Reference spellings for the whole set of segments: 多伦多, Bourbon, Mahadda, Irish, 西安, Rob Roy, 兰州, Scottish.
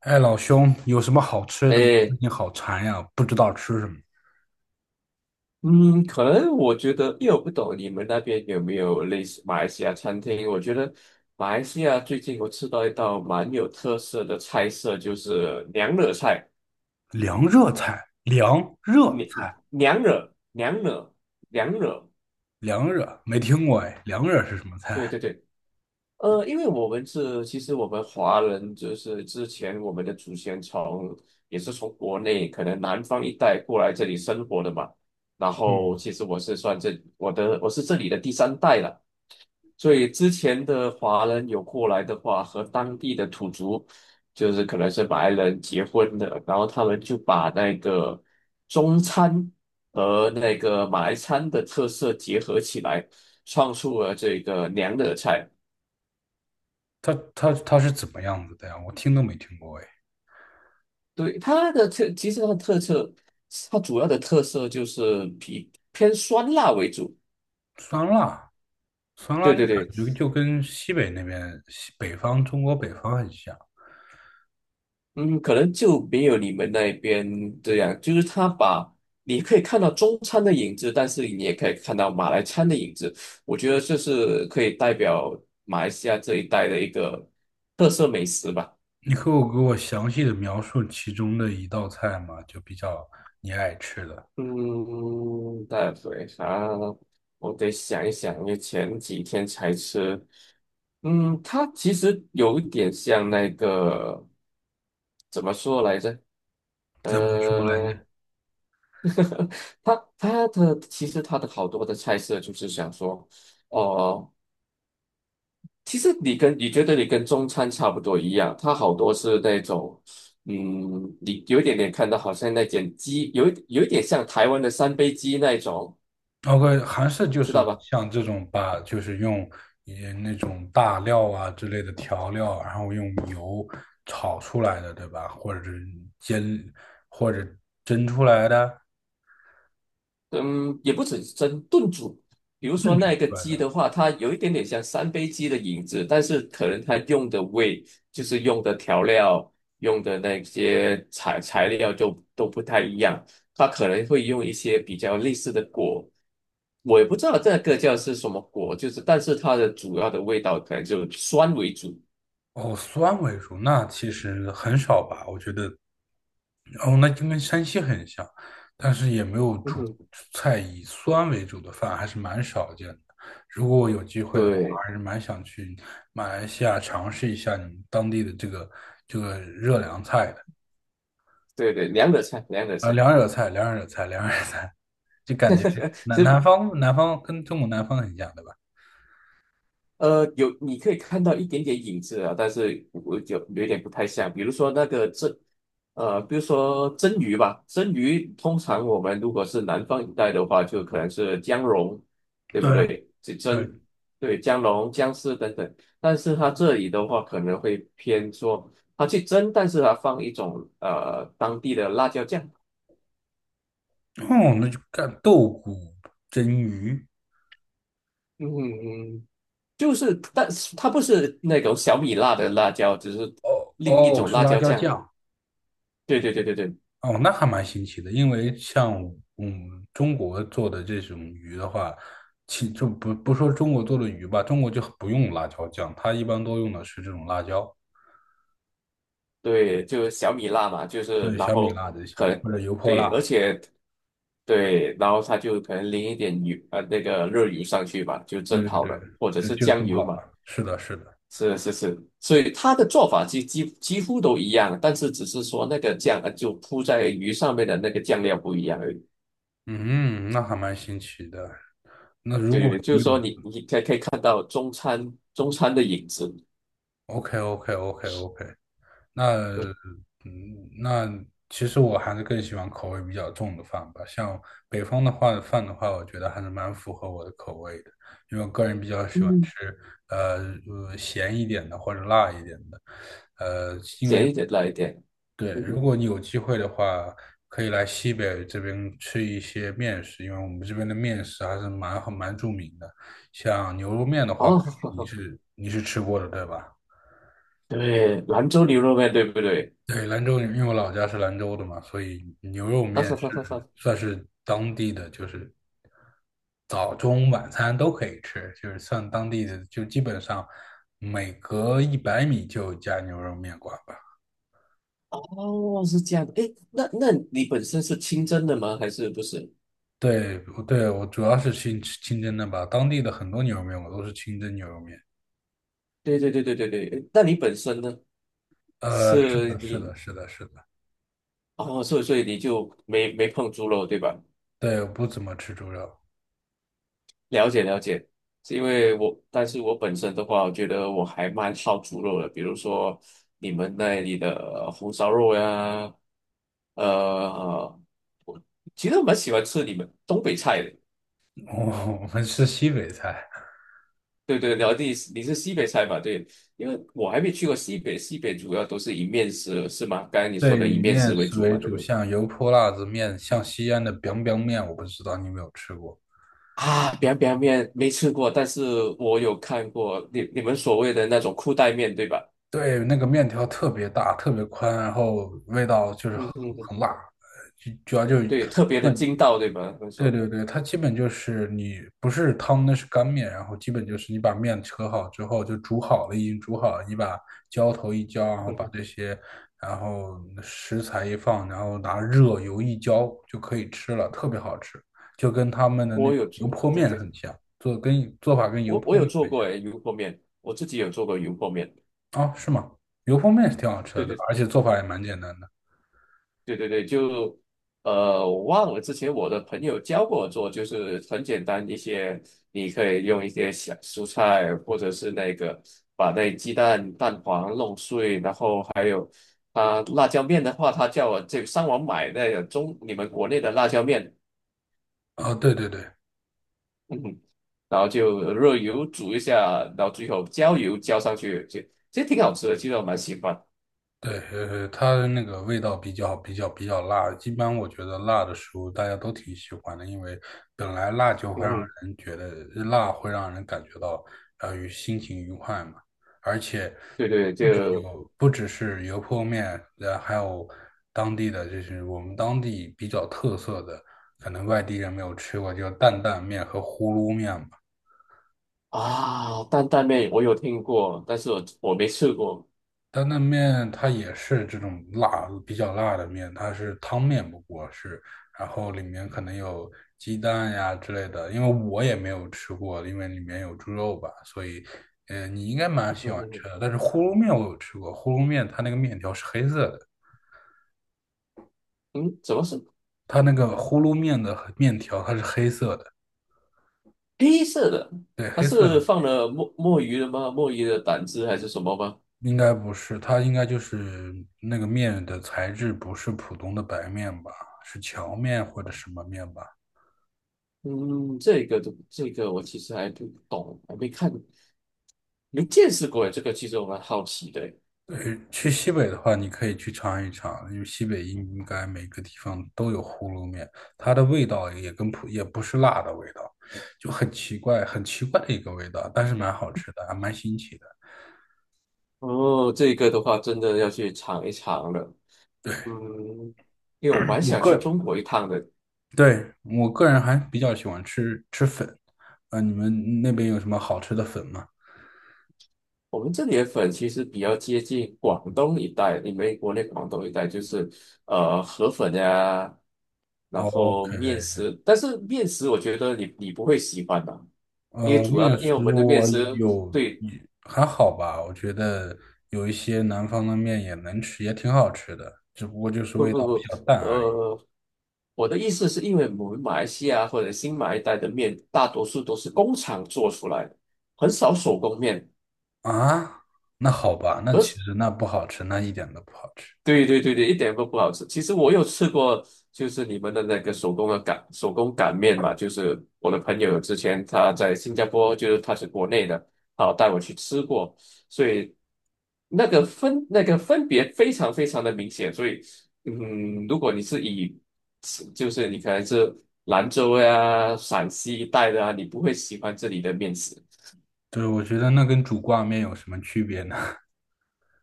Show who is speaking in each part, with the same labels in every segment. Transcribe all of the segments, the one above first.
Speaker 1: 哎，老兄，有什么好吃的吗？最
Speaker 2: 诶，
Speaker 1: 近好馋呀，不知道吃什么。
Speaker 2: 嗯，可能我觉得，因为我不懂你们那边有没有类似马来西亚餐厅。我觉得马来西亚最近我吃到一道蛮有特色的菜色，就是娘惹菜，
Speaker 1: 凉热菜，凉热
Speaker 2: 娘
Speaker 1: 菜，
Speaker 2: 娘惹娘惹娘惹，
Speaker 1: 凉热，没听过哎。凉热是什么
Speaker 2: 对
Speaker 1: 菜？
Speaker 2: 对对。因为我们是，其实我们华人就是之前我们的祖先从也是从国内可能南方一带过来这里生活的嘛，然后
Speaker 1: 嗯，
Speaker 2: 其实我是算这我是这里的第三代了。所以之前的华人有过来的话，和当地的土族，就是可能是马来人结婚的，然后他们就把那个中餐和那个马来餐的特色结合起来，创出了这个娘惹菜。
Speaker 1: 它是怎么样子的呀？我听都没听过哎。
Speaker 2: 对，它的特，其实它的特色，它主要的特色就是比偏酸辣为主。
Speaker 1: 酸辣，酸辣
Speaker 2: 对
Speaker 1: 那
Speaker 2: 对
Speaker 1: 感
Speaker 2: 对，
Speaker 1: 觉就跟西北那边，西北方中国北方很像。
Speaker 2: 嗯，可能就没有你们那边这样，就是他把你可以看到中餐的影子，但是你也可以看到马来餐的影子。我觉得这是可以代表马来西亚这一带的一个特色美食吧。
Speaker 1: 你可以给我详细的描述其中的一道菜吗？就比较你爱吃的，
Speaker 2: 嗯，代表啥？我得想一想，因为前几天才吃。嗯，它其实有一点像那个怎么说来着？
Speaker 1: 怎么说来
Speaker 2: 呃。
Speaker 1: 着？
Speaker 2: 它其实它的好多的菜色就是想说，哦，其实你跟你觉得你跟中餐差不多一样，它好多是那种，嗯，你有一点点看到好像那点鸡，有一点像台湾的三杯鸡那一种，
Speaker 1: OK，还是就
Speaker 2: 知道
Speaker 1: 是
Speaker 2: 吧？
Speaker 1: 像这种把，就是用也那种大料啊之类的调料，然后用油炒出来的，对吧？或者是煎，或者蒸出来的，
Speaker 2: 嗯，也不只是蒸炖煮，比如说
Speaker 1: 炖煮
Speaker 2: 那个
Speaker 1: 出来
Speaker 2: 鸡
Speaker 1: 的。
Speaker 2: 的话，它有一点点像三杯鸡的影子，但是可能它用的味，就是用的调料、用的那些材料就都不太一样，它可能会用一些比较类似的果，我也不知道这个叫是什么果，就是但是它的主要的味道可能就酸为主。
Speaker 1: 哦，酸为主，那其实很少吧，我觉得，哦，那就跟山西很像，但是也没有
Speaker 2: 嗯
Speaker 1: 主
Speaker 2: 哼，
Speaker 1: 菜以酸为主的饭，还是蛮少见的。如果我有机会的话，
Speaker 2: 对
Speaker 1: 还是蛮想去马来西亚尝试一下你们当地的这个热凉菜的，
Speaker 2: 对对，两个菜，两个菜。
Speaker 1: 凉热菜，凉热菜，凉热菜，就感觉是南 南方南方跟中国南方很像，对吧？
Speaker 2: 有你可以看到一点点影子啊，但是我就有点不太像，比如说那个蒸，比如说蒸鱼吧，蒸鱼通常我们如果是南方一带的话，就可能是姜蓉，对不
Speaker 1: 对啊，
Speaker 2: 对？这
Speaker 1: 对，
Speaker 2: 蒸，对，姜蓉、姜丝等等，但是它这里的话可能会偏说它去蒸，但是它放一种当地的辣椒酱，
Speaker 1: 哦，那就干豆鼓蒸鱼。
Speaker 2: 嗯，就是，但是它不是那种小米辣的辣椒，只是
Speaker 1: 哦
Speaker 2: 另一
Speaker 1: 哦，
Speaker 2: 种
Speaker 1: 是
Speaker 2: 辣
Speaker 1: 辣
Speaker 2: 椒
Speaker 1: 椒
Speaker 2: 酱。
Speaker 1: 酱
Speaker 2: 对对对对对
Speaker 1: 哦，那还蛮新奇的。因为像中国做的这种鱼的话，其就不说中国做的鱼吧，中国就不用辣椒酱，它一般都用的是这种辣椒，
Speaker 2: 对，就是小米辣嘛，就是
Speaker 1: 对
Speaker 2: 然
Speaker 1: 小米
Speaker 2: 后
Speaker 1: 辣这些
Speaker 2: 很
Speaker 1: 或者油泼
Speaker 2: 对，而
Speaker 1: 辣，
Speaker 2: 且对，然后它就可能淋一点油那个热油上去吧，就蒸
Speaker 1: 对对
Speaker 2: 好
Speaker 1: 对，
Speaker 2: 了，或者
Speaker 1: 对
Speaker 2: 是
Speaker 1: 就
Speaker 2: 酱
Speaker 1: 做好
Speaker 2: 油嘛，
Speaker 1: 了。是的，是的，
Speaker 2: 是是是，所以它的做法几乎都一样，但是只是说那个酱就铺在鱼上面的那个酱料不一样而已，
Speaker 1: 嗯，那还蛮新奇的。那如
Speaker 2: 对对
Speaker 1: 果
Speaker 2: 对，就
Speaker 1: 你
Speaker 2: 是说
Speaker 1: 有
Speaker 2: 你你可以可以看到中餐的影子，
Speaker 1: o k o k o k o k 那
Speaker 2: 嗯
Speaker 1: 那其实我还是更喜欢口味比较重的饭吧。像北方的话，饭的话，我觉得还是蛮符合我的口味的，因为我个人比较喜欢
Speaker 2: 嗯，
Speaker 1: 吃呃咸一点的或者辣一点的。因为
Speaker 2: 咸一点辣一点，
Speaker 1: 对，
Speaker 2: 嗯
Speaker 1: 如
Speaker 2: 哼
Speaker 1: 果你有机会的话，可以来西北这边吃一些面食，因为我们这边的面食还是蛮著名的。像牛肉面的话，
Speaker 2: 哦，
Speaker 1: 你是吃过的，对吧？
Speaker 2: 对，兰州牛肉面对不对？
Speaker 1: 对，兰州，因为我老家是兰州的嘛，所以牛肉
Speaker 2: 啊
Speaker 1: 面
Speaker 2: 哈哈哈
Speaker 1: 是
Speaker 2: 哈！
Speaker 1: 算是当地的，就是早中晚餐都可以吃，就是算当地的，就基本上每隔100米就有家牛肉面馆吧。
Speaker 2: 哦，是这样的。诶，那那你本身是清蒸的吗？还是不是？
Speaker 1: 对，对，我主要是清真的吧，当地的很多牛肉面我都是清真牛肉面。
Speaker 2: 对对对对对对。诶那你本身呢？
Speaker 1: 是
Speaker 2: 是
Speaker 1: 的，是的，
Speaker 2: 你
Speaker 1: 是的，是的，
Speaker 2: 哦，所以所以你就没没碰猪肉对吧？
Speaker 1: 对，我不怎么吃猪肉，
Speaker 2: 了解了解。是因为我，但是我本身的话，我觉得我还蛮好猪肉的。比如说你们那里的红烧肉呀，呃，其实我蛮喜欢吃你们东北菜的。
Speaker 1: 我我们吃西北菜。
Speaker 2: 对对，然后你是西北菜嘛？对，因为我还没去过西北，西北主要都是以面食是吗？刚才你说
Speaker 1: 对
Speaker 2: 的以
Speaker 1: 以
Speaker 2: 面
Speaker 1: 面
Speaker 2: 食为
Speaker 1: 食
Speaker 2: 主
Speaker 1: 为
Speaker 2: 嘛，对不
Speaker 1: 主，
Speaker 2: 对？
Speaker 1: 像油泼辣子面，像西安的 biang biang 面，我不知道你有没有吃过。
Speaker 2: 啊，表表面没吃过，但是我有看过你你们所谓的那种裤带面，对吧？
Speaker 1: 对，那个面条特别大，特别宽，然后味道就是很
Speaker 2: 嗯哼哼，
Speaker 1: 很辣，呃就主要就基
Speaker 2: 对，特别的筋
Speaker 1: 本
Speaker 2: 道，对吗？他们
Speaker 1: 对
Speaker 2: 说，
Speaker 1: 对对，它基本就是你不是汤，那是干面，然后基本就是你把面扯好之后就煮好了，已经煮好了，你把浇头一浇，然后
Speaker 2: 嗯
Speaker 1: 把
Speaker 2: 哼，
Speaker 1: 这些，然后食材一放，然后拿热油一浇就可以吃了，特别好吃，就跟他们的那
Speaker 2: 我有
Speaker 1: 油
Speaker 2: 做，
Speaker 1: 泼
Speaker 2: 对
Speaker 1: 面
Speaker 2: 对，
Speaker 1: 很像，做法跟油
Speaker 2: 我
Speaker 1: 泼
Speaker 2: 我有
Speaker 1: 面
Speaker 2: 做过
Speaker 1: 很
Speaker 2: 诶，油泼面，我自己有做过油泼面，
Speaker 1: 像啊，是吗？油泼面是挺好吃的，
Speaker 2: 对
Speaker 1: 对吧
Speaker 2: 对
Speaker 1: 而且做法也蛮简单的。
Speaker 2: 对对对，就我忘了之前我的朋友教过我做，就是很简单一些，你可以用一些小蔬菜，或者是那个把那鸡蛋蛋黄弄碎，然后还啊辣椒面的话，他叫我这个上网买那个中你们国内的辣椒面，
Speaker 1: 啊，对对对，
Speaker 2: 嗯然后就热油煮一下，然后最后浇油浇上去，就其实挺好吃的，其实我蛮喜欢。
Speaker 1: 对，它的那个味道比较辣，一般我觉得辣的食物大家都挺喜欢的，因为本来辣就
Speaker 2: 嗯
Speaker 1: 会让
Speaker 2: 哼
Speaker 1: 人觉得辣会让人感觉到心情愉快嘛，而且
Speaker 2: 对对，
Speaker 1: 不只
Speaker 2: 就
Speaker 1: 有不只是油泼面，还有当地的就是我们当地比较特色的，可能外地人没有吃过，就是担担面和呼噜面嘛。
Speaker 2: 啊担担面我有听过，但是我我没吃过。
Speaker 1: 担担面它也是这种辣，比较辣的面，它是汤面不过是，然后里面可能有鸡蛋呀之类的，因为我也没有吃过，因为里面有猪肉吧，所以，你应该蛮喜
Speaker 2: 嗯
Speaker 1: 欢
Speaker 2: 嗯
Speaker 1: 吃的。但是呼噜面我有吃过，呼噜面它那个面条是黑色的，
Speaker 2: 嗯，嗯怎么是
Speaker 1: 它那个呼噜面的面条它是黑色的，
Speaker 2: 黑色的？
Speaker 1: 对，
Speaker 2: 它
Speaker 1: 黑色的
Speaker 2: 是
Speaker 1: 面
Speaker 2: 放了墨鱼的吗？墨鱼的胆汁还是什么吗？
Speaker 1: 应该不是，它应该就是那个面的材质不是普通的白面吧，是荞面或者什么面吧。
Speaker 2: 嗯，这个都这个我其实还不懂，还没看，没见识过这个，其实我蛮好奇的。
Speaker 1: 对，去西北的话，你可以去尝一尝，因为西北应该每个地方都有葫芦面，它的味道也跟普也不是辣的味道，就很奇怪，很奇怪的一个味道，但是蛮好吃的，还蛮新奇的。
Speaker 2: 哦，这个的话真的要去尝一尝了。
Speaker 1: 对，
Speaker 2: 嗯，因为我蛮
Speaker 1: 我
Speaker 2: 想
Speaker 1: 个
Speaker 2: 去
Speaker 1: 人
Speaker 2: 中国一趟的，
Speaker 1: 对，我个人还比较喜欢吃粉，啊、你们那边有什么好吃的粉吗
Speaker 2: 我们这里的粉其实比较接近广东一带，你们国内广东一带就是河粉呀，然
Speaker 1: ？OK，
Speaker 2: 后面食，但是面食我觉得你你不会喜欢的，因为主要
Speaker 1: 面
Speaker 2: 的，因为我
Speaker 1: 食
Speaker 2: 们的面
Speaker 1: 我
Speaker 2: 食
Speaker 1: 有
Speaker 2: 对，
Speaker 1: 也还好吧，我觉得有一些南方的面也能吃，也挺好吃的，只不过就是
Speaker 2: 不
Speaker 1: 味
Speaker 2: 不
Speaker 1: 道比
Speaker 2: 不，
Speaker 1: 较淡而已。
Speaker 2: 呃，我的意思是因为我们马来西亚或者新马一带的面大多数都是工厂做出来的，很少手工面，
Speaker 1: 啊，那好吧，那
Speaker 2: 而。
Speaker 1: 其实那不好吃，那一点都不好吃。
Speaker 2: 对对对对，一点都不好吃。其实我有吃过，就是你们的那个手工的擀手工擀面嘛，就是我的朋友之前他在新加坡，就是他是国内的，好带我去吃过，所以那个分那个分别非常非常的明显。所以，嗯，如果你是以就是你可能是兰州呀、陕西一带的啊，你不会喜欢这里的面食。
Speaker 1: 对，我觉得那跟煮挂面有什么区别呢？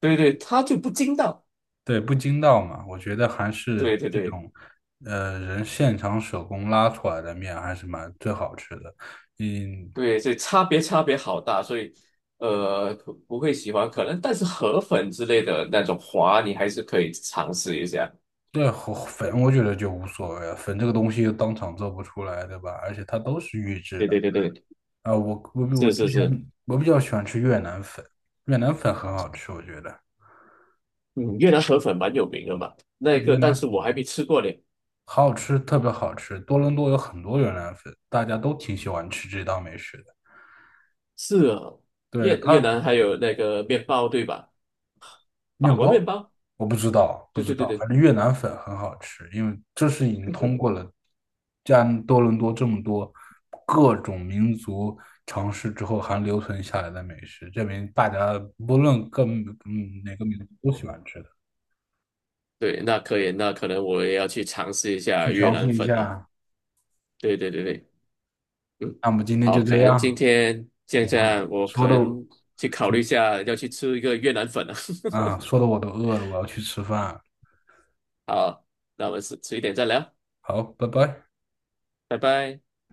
Speaker 2: 对对，它就不筋道。
Speaker 1: 对，不筋道嘛，我觉得还是
Speaker 2: 对对
Speaker 1: 这
Speaker 2: 对。
Speaker 1: 种，人现场手工拉出来的面还是蛮最好吃的。嗯，
Speaker 2: 对，所以差别差别好大，所以不不会喜欢，可能但是河粉之类的那种滑，你还是可以尝试一下。
Speaker 1: 对，和粉我觉得就无所谓了，粉这个东西又当场做不出来，对吧？而且它都是预制
Speaker 2: 对
Speaker 1: 的
Speaker 2: 对对对，
Speaker 1: 啊。我比
Speaker 2: 是
Speaker 1: 之
Speaker 2: 是是，
Speaker 1: 前比较喜欢吃越南粉，越南粉很好吃，我觉得。
Speaker 2: 嗯，越南河粉蛮有名的嘛，那
Speaker 1: 对，
Speaker 2: 个
Speaker 1: 越
Speaker 2: 但
Speaker 1: 南
Speaker 2: 是我还没吃过嘞。
Speaker 1: 好好吃，特别好吃。多伦多有很多越南粉，大家都挺喜欢吃这道美食的。
Speaker 2: 是啊，
Speaker 1: 对，
Speaker 2: 越越
Speaker 1: 它
Speaker 2: 南还有那个面包对吧？
Speaker 1: 面
Speaker 2: 法国面
Speaker 1: 包？
Speaker 2: 包，
Speaker 1: 我不知道，不
Speaker 2: 对
Speaker 1: 知
Speaker 2: 对对
Speaker 1: 道，反
Speaker 2: 对
Speaker 1: 正越南粉很好吃，因为这是已经通 过了加多伦多这么多各种民族尝试之后还留存下来的美食，证明大家不论哪个民族都喜欢吃的，
Speaker 2: 对，那可以，那可能我也要去尝试一
Speaker 1: 去
Speaker 2: 下越
Speaker 1: 尝
Speaker 2: 南
Speaker 1: 试一
Speaker 2: 粉了。
Speaker 1: 下。
Speaker 2: 对对对对。嗯，
Speaker 1: 那么今天
Speaker 2: 好，
Speaker 1: 就这
Speaker 2: 可能今
Speaker 1: 样，
Speaker 2: 天现
Speaker 1: 我
Speaker 2: 在我
Speaker 1: 说
Speaker 2: 可
Speaker 1: 的
Speaker 2: 能去考
Speaker 1: 说
Speaker 2: 虑一下要去吃一个越南粉了。
Speaker 1: 啊，说的我都饿了，我要去吃饭。
Speaker 2: 好，那我们迟一点再聊，
Speaker 1: 好，拜拜。
Speaker 2: 拜拜。